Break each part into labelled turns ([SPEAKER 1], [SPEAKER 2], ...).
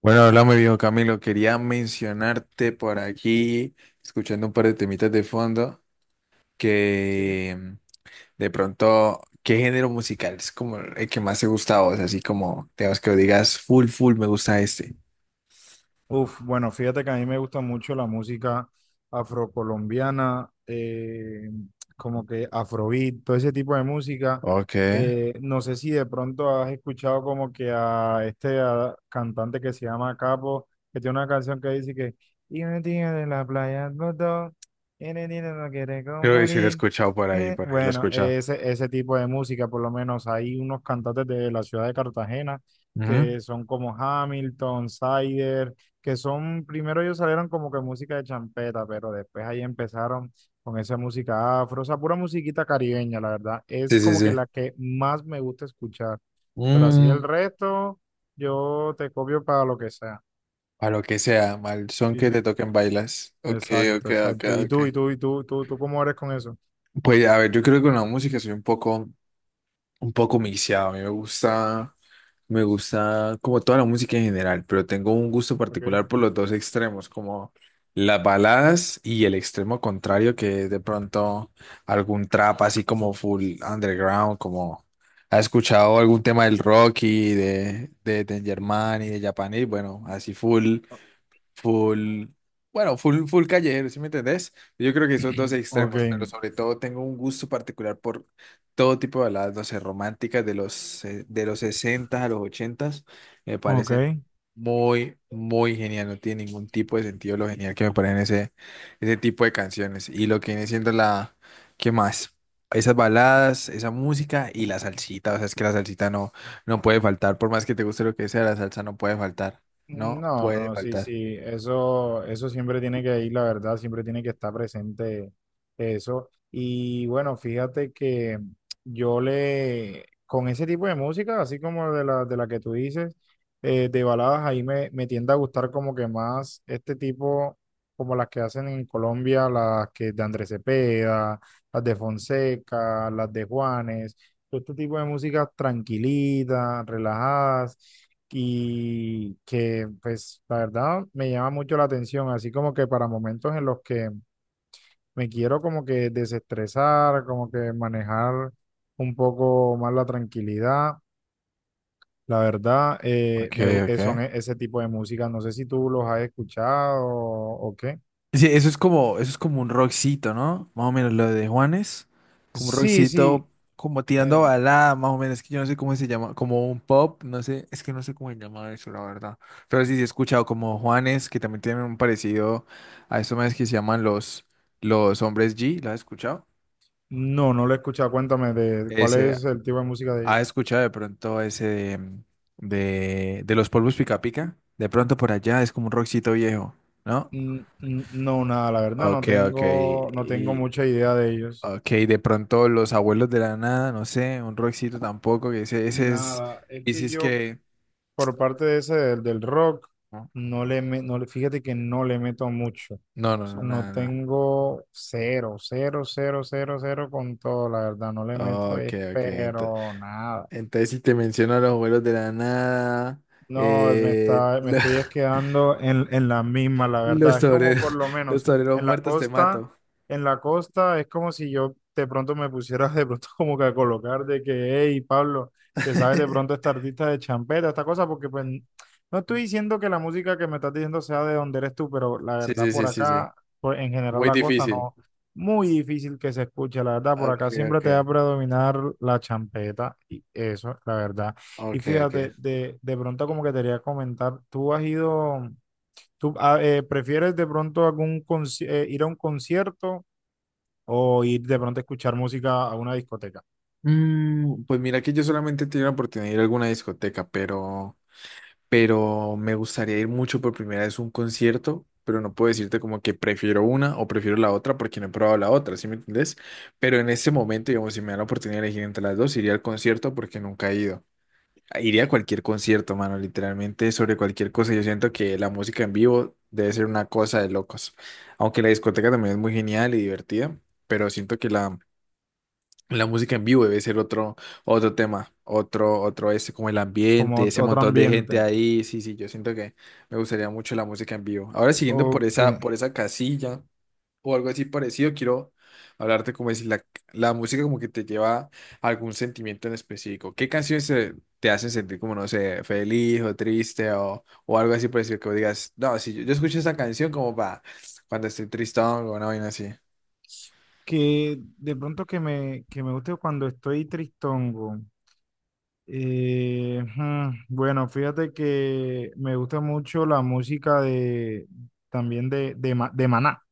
[SPEAKER 1] Bueno, hola, mi viejo Camilo. Quería mencionarte por aquí, escuchando un par de temitas de fondo,
[SPEAKER 2] Sí.
[SPEAKER 1] que mm, de pronto, ¿qué género musical es como el que más te gusta a vos? Así como, digamos que digas, full, full, me gusta este.
[SPEAKER 2] Uf, bueno, fíjate que a mí me gusta mucho la música afrocolombiana, como que afrobeat, todo ese tipo de música.
[SPEAKER 1] Ok.
[SPEAKER 2] No sé si de pronto has escuchado como que a cantante que se llama Capo, que tiene una canción que dice que y me tiene de la playa al botón, y me tiene no quiere
[SPEAKER 1] Creo que sí lo he
[SPEAKER 2] compartir.
[SPEAKER 1] escuchado
[SPEAKER 2] Eh,
[SPEAKER 1] por ahí lo he
[SPEAKER 2] Bueno,
[SPEAKER 1] escuchado.
[SPEAKER 2] ese, ese tipo de música, por lo menos hay unos cantantes de la ciudad de Cartagena
[SPEAKER 1] Ujú.
[SPEAKER 2] que son como Hamilton, Sider, que son, primero ellos salieron como que música de champeta, pero después ahí empezaron con esa música afro, o sea, pura musiquita caribeña, la verdad, es
[SPEAKER 1] Sí, sí,
[SPEAKER 2] como que
[SPEAKER 1] sí.
[SPEAKER 2] la que más me gusta escuchar, pero así el
[SPEAKER 1] Mm,
[SPEAKER 2] resto, yo te copio para lo que sea.
[SPEAKER 1] a lo que sea, mal son
[SPEAKER 2] Sí,
[SPEAKER 1] que te
[SPEAKER 2] sí,
[SPEAKER 1] toquen bailas. Ok,
[SPEAKER 2] exacto,
[SPEAKER 1] ok, ok,
[SPEAKER 2] exacto. ¿Y
[SPEAKER 1] ok.
[SPEAKER 2] tú, y tú, tú cómo eres con eso?
[SPEAKER 1] Pues a ver, yo creo que con la música soy un poco mixeado. A mí me gusta. Me gusta como toda la música en general, pero tengo un gusto
[SPEAKER 2] Ok.
[SPEAKER 1] particular por los dos extremos, como las baladas y el extremo contrario, que es de pronto algún trap así como full underground, como ha escuchado algún tema del Rocky, de Danger Man y de Japanese, bueno, así full full, bueno, full, full callejero, ¿sí me entendés? Yo creo que esos dos
[SPEAKER 2] Ok,
[SPEAKER 1] extremos, pero sobre todo tengo un gusto particular por todo tipo de baladas, no sé, románticas de los 60 a los 80, me parece
[SPEAKER 2] ok.
[SPEAKER 1] muy, muy genial, no tiene ningún tipo de sentido lo genial que me parecen ese, ese tipo de canciones y lo que viene siendo la, ¿qué más? Esas baladas, esa música y la salsita, o sea, es que la salsita no, no puede faltar, por más que te guste lo que sea, la salsa no puede faltar, no
[SPEAKER 2] No,
[SPEAKER 1] puede
[SPEAKER 2] no, sí,
[SPEAKER 1] faltar.
[SPEAKER 2] sí, eso siempre tiene que ir, la verdad, siempre tiene que estar presente eso. Y bueno, fíjate que con ese tipo de música, así como de la que tú dices, de baladas, me tiende a gustar como que más este tipo, como las que hacen en Colombia, las que de Andrés Cepeda, las de Fonseca, las de Juanes, todo este tipo de músicas tranquilitas, relajadas y que pues la verdad me llama mucho la atención, así como que para momentos en los que me quiero como que desestresar, como que manejar un poco más la tranquilidad, la verdad eh,
[SPEAKER 1] Ok,
[SPEAKER 2] me, gu-
[SPEAKER 1] ok.
[SPEAKER 2] eh, son e- ese tipo de música, no sé si tú los has escuchado o qué.
[SPEAKER 1] Sí, eso es como un rockcito, ¿no? Más o menos lo de Juanes, como un
[SPEAKER 2] Sí, sí,
[SPEAKER 1] rockcito, como tirando a
[SPEAKER 2] eh,
[SPEAKER 1] balada, más o menos, es que yo no sé cómo se llama, como un pop, no sé, es que no sé cómo se llama eso, la verdad. Pero sí, sí he escuchado como Juanes, que también tienen un parecido a esos más que se llaman los hombres G, ¿lo has escuchado?
[SPEAKER 2] no, no lo he escuchado, cuéntame de cuál
[SPEAKER 1] Ese,
[SPEAKER 2] es el tipo de música de
[SPEAKER 1] ¿has
[SPEAKER 2] ellos.
[SPEAKER 1] escuchado de pronto ese de, de los polvos pica pica? De pronto por allá es como un rockcito viejo, ¿no?
[SPEAKER 2] No, nada, la verdad
[SPEAKER 1] Ok, ok.
[SPEAKER 2] no tengo
[SPEAKER 1] Y,
[SPEAKER 2] mucha idea de ellos.
[SPEAKER 1] ok, de pronto los abuelos de la nada, no sé, un rockcito tampoco, que ese es,
[SPEAKER 2] Nada, es
[SPEAKER 1] y si
[SPEAKER 2] que
[SPEAKER 1] es
[SPEAKER 2] yo
[SPEAKER 1] que,
[SPEAKER 2] por parte de ese del rock,
[SPEAKER 1] no,
[SPEAKER 2] no le, me- no le, fíjate que no le meto mucho. O
[SPEAKER 1] no, no,
[SPEAKER 2] sea,
[SPEAKER 1] no,
[SPEAKER 2] no
[SPEAKER 1] nada, nada.
[SPEAKER 2] tengo cero, cero, cero, cero, cero con todo, la verdad, no le meto,
[SPEAKER 1] Ok, ok,
[SPEAKER 2] pero nada.
[SPEAKER 1] entonces si te menciono a los abuelos de la nada,
[SPEAKER 2] No,
[SPEAKER 1] eh,
[SPEAKER 2] me
[SPEAKER 1] lo-
[SPEAKER 2] estoy es quedando en la misma, la
[SPEAKER 1] los
[SPEAKER 2] verdad. Es como
[SPEAKER 1] toreros,
[SPEAKER 2] por lo
[SPEAKER 1] los
[SPEAKER 2] menos
[SPEAKER 1] toreros
[SPEAKER 2] en la
[SPEAKER 1] muertos te
[SPEAKER 2] costa,
[SPEAKER 1] mato.
[SPEAKER 2] en la costa es como si yo de pronto me pusiera de pronto como que a colocar de que, hey, Pablo, te sabes de pronto esta artista de champeta, esta cosa, porque pues no estoy diciendo que la música que me estás diciendo sea de donde eres tú, pero la
[SPEAKER 1] Sí,
[SPEAKER 2] verdad
[SPEAKER 1] sí,
[SPEAKER 2] por
[SPEAKER 1] sí, sí, sí,
[SPEAKER 2] acá, en general
[SPEAKER 1] muy
[SPEAKER 2] la costa
[SPEAKER 1] difícil.
[SPEAKER 2] no, muy difícil que se escuche, la verdad, por
[SPEAKER 1] Ok,
[SPEAKER 2] acá siempre
[SPEAKER 1] ok,
[SPEAKER 2] te va a predominar la champeta y eso, la verdad. Y
[SPEAKER 1] ok, ok.
[SPEAKER 2] fíjate, de pronto como que te quería comentar. ¿Tú has ido, prefieres de pronto ir a un concierto o ir de pronto a escuchar música a una discoteca,
[SPEAKER 1] Mm, pues mira que yo solamente he tenido la oportunidad de ir a alguna discoteca, pero me gustaría ir mucho por primera vez a un concierto, pero no puedo decirte como que prefiero una o prefiero la otra porque no he probado la otra, ¿sí me entendés? Pero en este momento, digamos, si me dan la oportunidad de elegir entre las dos, iría al concierto porque nunca he ido. Iría a cualquier concierto, mano, literalmente sobre cualquier cosa. Yo siento que la música en vivo debe ser una cosa de locos. Aunque la discoteca también es muy genial y divertida, pero siento que la música en vivo debe ser otro, otro tema, otro, otro ese, como el
[SPEAKER 2] como
[SPEAKER 1] ambiente, ese
[SPEAKER 2] otro
[SPEAKER 1] montón de gente
[SPEAKER 2] ambiente?
[SPEAKER 1] ahí. Sí, sí, yo siento que me gustaría mucho la música en vivo. Ahora
[SPEAKER 2] O
[SPEAKER 1] siguiendo por esa casilla o algo así parecido, quiero hablarte como decir, la música como que te lleva a algún sentimiento en específico. ¿Qué canciones te hacen sentir como, no sé, feliz o triste o algo así parecido que vos digas, no, si yo, yo escucho esa canción como para cuando estoy tristón o una vaina así?
[SPEAKER 2] que de pronto que me guste cuando estoy tristongo. Bueno, fíjate que me gusta mucho la música de, también de de Maná.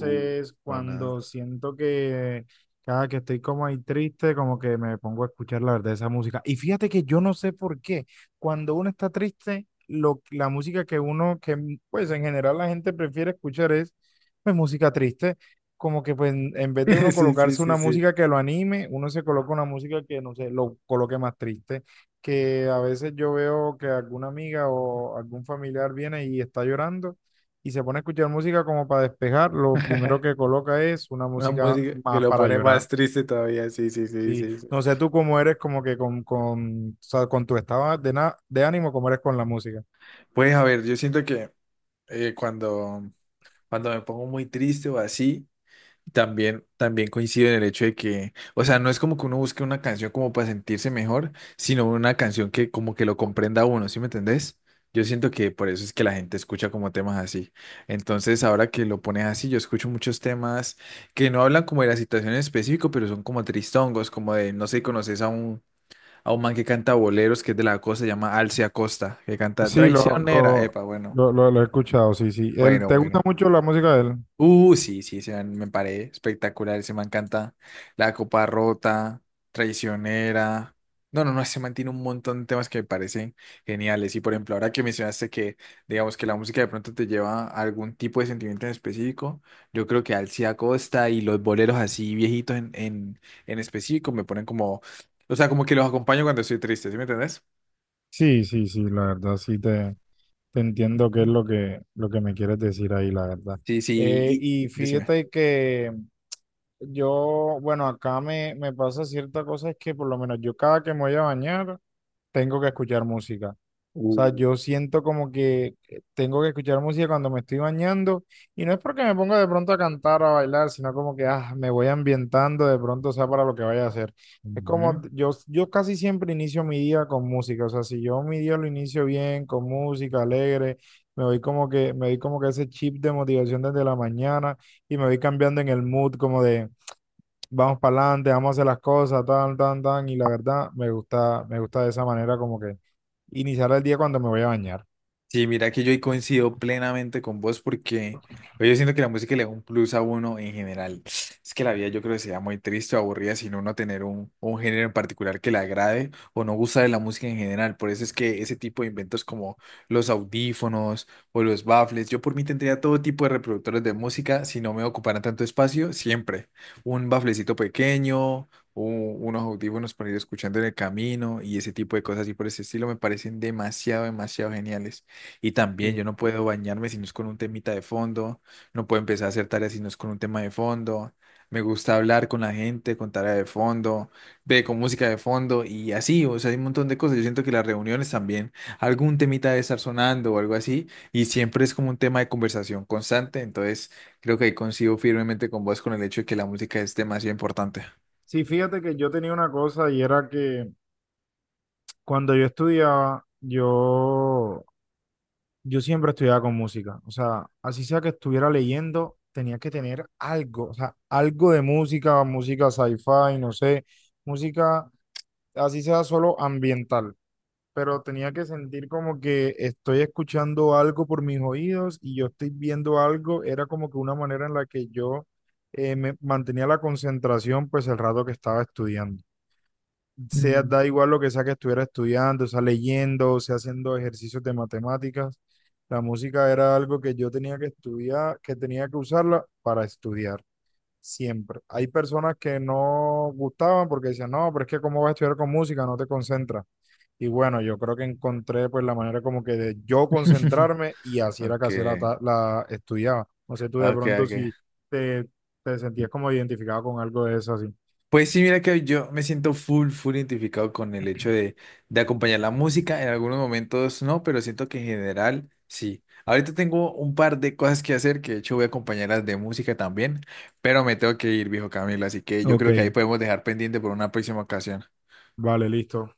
[SPEAKER 1] Uh, bueno.
[SPEAKER 2] cuando siento que cada que estoy como ahí triste, como que me pongo a escuchar la verdad esa música. Y fíjate que yo no sé por qué, cuando uno está triste, la música que uno, pues en general la gente prefiere escuchar es pues música triste. Como que pues en vez de uno
[SPEAKER 1] Sí, sí,
[SPEAKER 2] colocarse
[SPEAKER 1] sí,
[SPEAKER 2] una
[SPEAKER 1] sí.
[SPEAKER 2] música que lo anime, uno se coloca una música que no sé, lo coloque más triste. Que a veces yo veo que alguna amiga o algún familiar viene y está llorando y se pone a escuchar música como para despejar, lo primero que coloca es una
[SPEAKER 1] Una
[SPEAKER 2] música
[SPEAKER 1] música que
[SPEAKER 2] más
[SPEAKER 1] lo
[SPEAKER 2] para
[SPEAKER 1] pone
[SPEAKER 2] llorar.
[SPEAKER 1] más triste todavía. Sí, sí, sí,
[SPEAKER 2] Sí,
[SPEAKER 1] sí, sí.
[SPEAKER 2] no sé tú cómo eres como que con, o sea, con tu estado de ánimo, cómo eres con la música.
[SPEAKER 1] Pues a ver, yo siento que eh, cuando, cuando me pongo muy triste o así, también, también coincido en el hecho de que, o sea, no es como que uno busque una canción como para sentirse mejor, sino una canción que como que lo comprenda a uno, ¿sí me entendés? Yo siento que por eso es que la gente escucha como temas así. Entonces, ahora que lo pones así, yo escucho muchos temas que no hablan como de la situación en específico, pero son como tristongos, como de, no sé, conoces a un man que canta boleros, que es de la costa, se llama Alcia Costa, que canta
[SPEAKER 2] Sí, lo,
[SPEAKER 1] Traicionera.
[SPEAKER 2] lo,
[SPEAKER 1] Epa, bueno,
[SPEAKER 2] lo, lo- lo he escuchado, sí, sí. Él,
[SPEAKER 1] bueno,
[SPEAKER 2] ¿te gusta
[SPEAKER 1] bueno.
[SPEAKER 2] mucho la música de él?
[SPEAKER 1] Sí, sí, ese man me paré espectacular. Ese man canta La Copa Rota, Traicionera. No, no, no, ese man tiene un montón de temas que me parecen geniales. Y por ejemplo, ahora que mencionaste que, digamos, que la música de pronto te lleva a algún tipo de sentimiento en específico, yo creo que Alcia Costa y los boleros así viejitos en específico me ponen como, o sea, como que los acompaño cuando estoy triste, ¿sí me entendés?
[SPEAKER 2] Sí, sí, sí, la verdad, te entiendo qué es
[SPEAKER 1] Ujú.
[SPEAKER 2] lo que me quieres decir ahí, la verdad.
[SPEAKER 1] Sí, sí, y
[SPEAKER 2] Y
[SPEAKER 1] decime.
[SPEAKER 2] fíjate que yo, bueno, acá me pasa cierta cosa, es que por lo menos yo cada que me voy a bañar, tengo que escuchar música. O sea,
[SPEAKER 1] Uh,
[SPEAKER 2] yo siento como que tengo que escuchar música cuando me estoy bañando y no es porque me ponga de pronto a cantar o a bailar, sino como que ah, me voy ambientando de pronto, o sea, para lo que vaya a hacer. Es como
[SPEAKER 1] ujú.
[SPEAKER 2] yo casi siempre inicio mi día con música, o sea, si yo mi día lo inicio bien, con música alegre, me voy como que, me doy como que ese chip de motivación desde la mañana y me voy cambiando en el mood como de vamos para adelante, vamos a hacer las cosas, tan, tan, tan, y la verdad me gusta de esa manera como que iniciar el día cuando me voy a bañar.
[SPEAKER 1] Sí, mira que yo ahí coincido plenamente con vos porque pues, yo siento que la música le da un plus a uno en general. Es que la vida yo creo que sería muy triste o aburrida sin uno tener un género en particular que le agrade o no gusta de la música en general. Por eso es que ese tipo de inventos como los audífonos o los baffles, yo por mí tendría todo tipo de reproductores de música si no me ocuparan tanto espacio, siempre. Un bafflecito pequeño. Unos audífonos para ir escuchando en el camino y ese tipo de cosas y por ese estilo me parecen demasiado, demasiado geniales. Y también yo
[SPEAKER 2] Sí.
[SPEAKER 1] no puedo bañarme si no es con un temita de fondo, no puedo empezar a hacer tareas si no es con un tema de fondo. Me gusta hablar con la gente, con tarea de fondo, ve con música de fondo y así, o sea, hay un montón de cosas. Yo siento que las reuniones también, algún temita debe estar sonando o algo así, y siempre es como un tema de conversación constante. Entonces, creo que ahí coincido firmemente con vos con el hecho de que la música es demasiado importante.
[SPEAKER 2] Sí, fíjate que yo tenía una cosa y era que cuando yo estudiaba, yo siempre estudiaba con música. O sea, así sea que estuviera leyendo, tenía que tener algo, o sea, algo de música, música sci-fi, no sé, música, así sea solo ambiental. Pero tenía que sentir como que estoy escuchando algo por mis oídos y yo estoy viendo algo, era como que una manera en la que yo me mantenía la concentración pues el rato que estaba estudiando. Sea,
[SPEAKER 1] Mm.
[SPEAKER 2] da igual lo que sea que estuviera estudiando, sea leyendo, sea haciendo ejercicios de matemáticas, la música era algo que yo tenía que estudiar, que tenía que usarla para estudiar. Siempre. Hay personas que no gustaban porque decían, no, pero es que cómo vas a estudiar con música, no te concentras. Y bueno, yo creo que encontré pues la manera como que de yo concentrarme y así era que
[SPEAKER 1] Ok,
[SPEAKER 2] hacía la estudiaba. No sé tú de
[SPEAKER 1] ok,
[SPEAKER 2] pronto
[SPEAKER 1] ok.
[SPEAKER 2] si te, te sentías como identificado con algo de eso así.
[SPEAKER 1] Pues sí, mira que yo me siento full, full identificado con el hecho de acompañar la música. En algunos momentos no, pero siento que en general sí. Ahorita tengo un par de cosas que hacer, que de hecho voy a acompañarlas de música también, pero me tengo que ir, viejo Camilo, así que yo
[SPEAKER 2] Ok,
[SPEAKER 1] creo que ahí podemos dejar pendiente por una próxima ocasión.
[SPEAKER 2] vale, listo.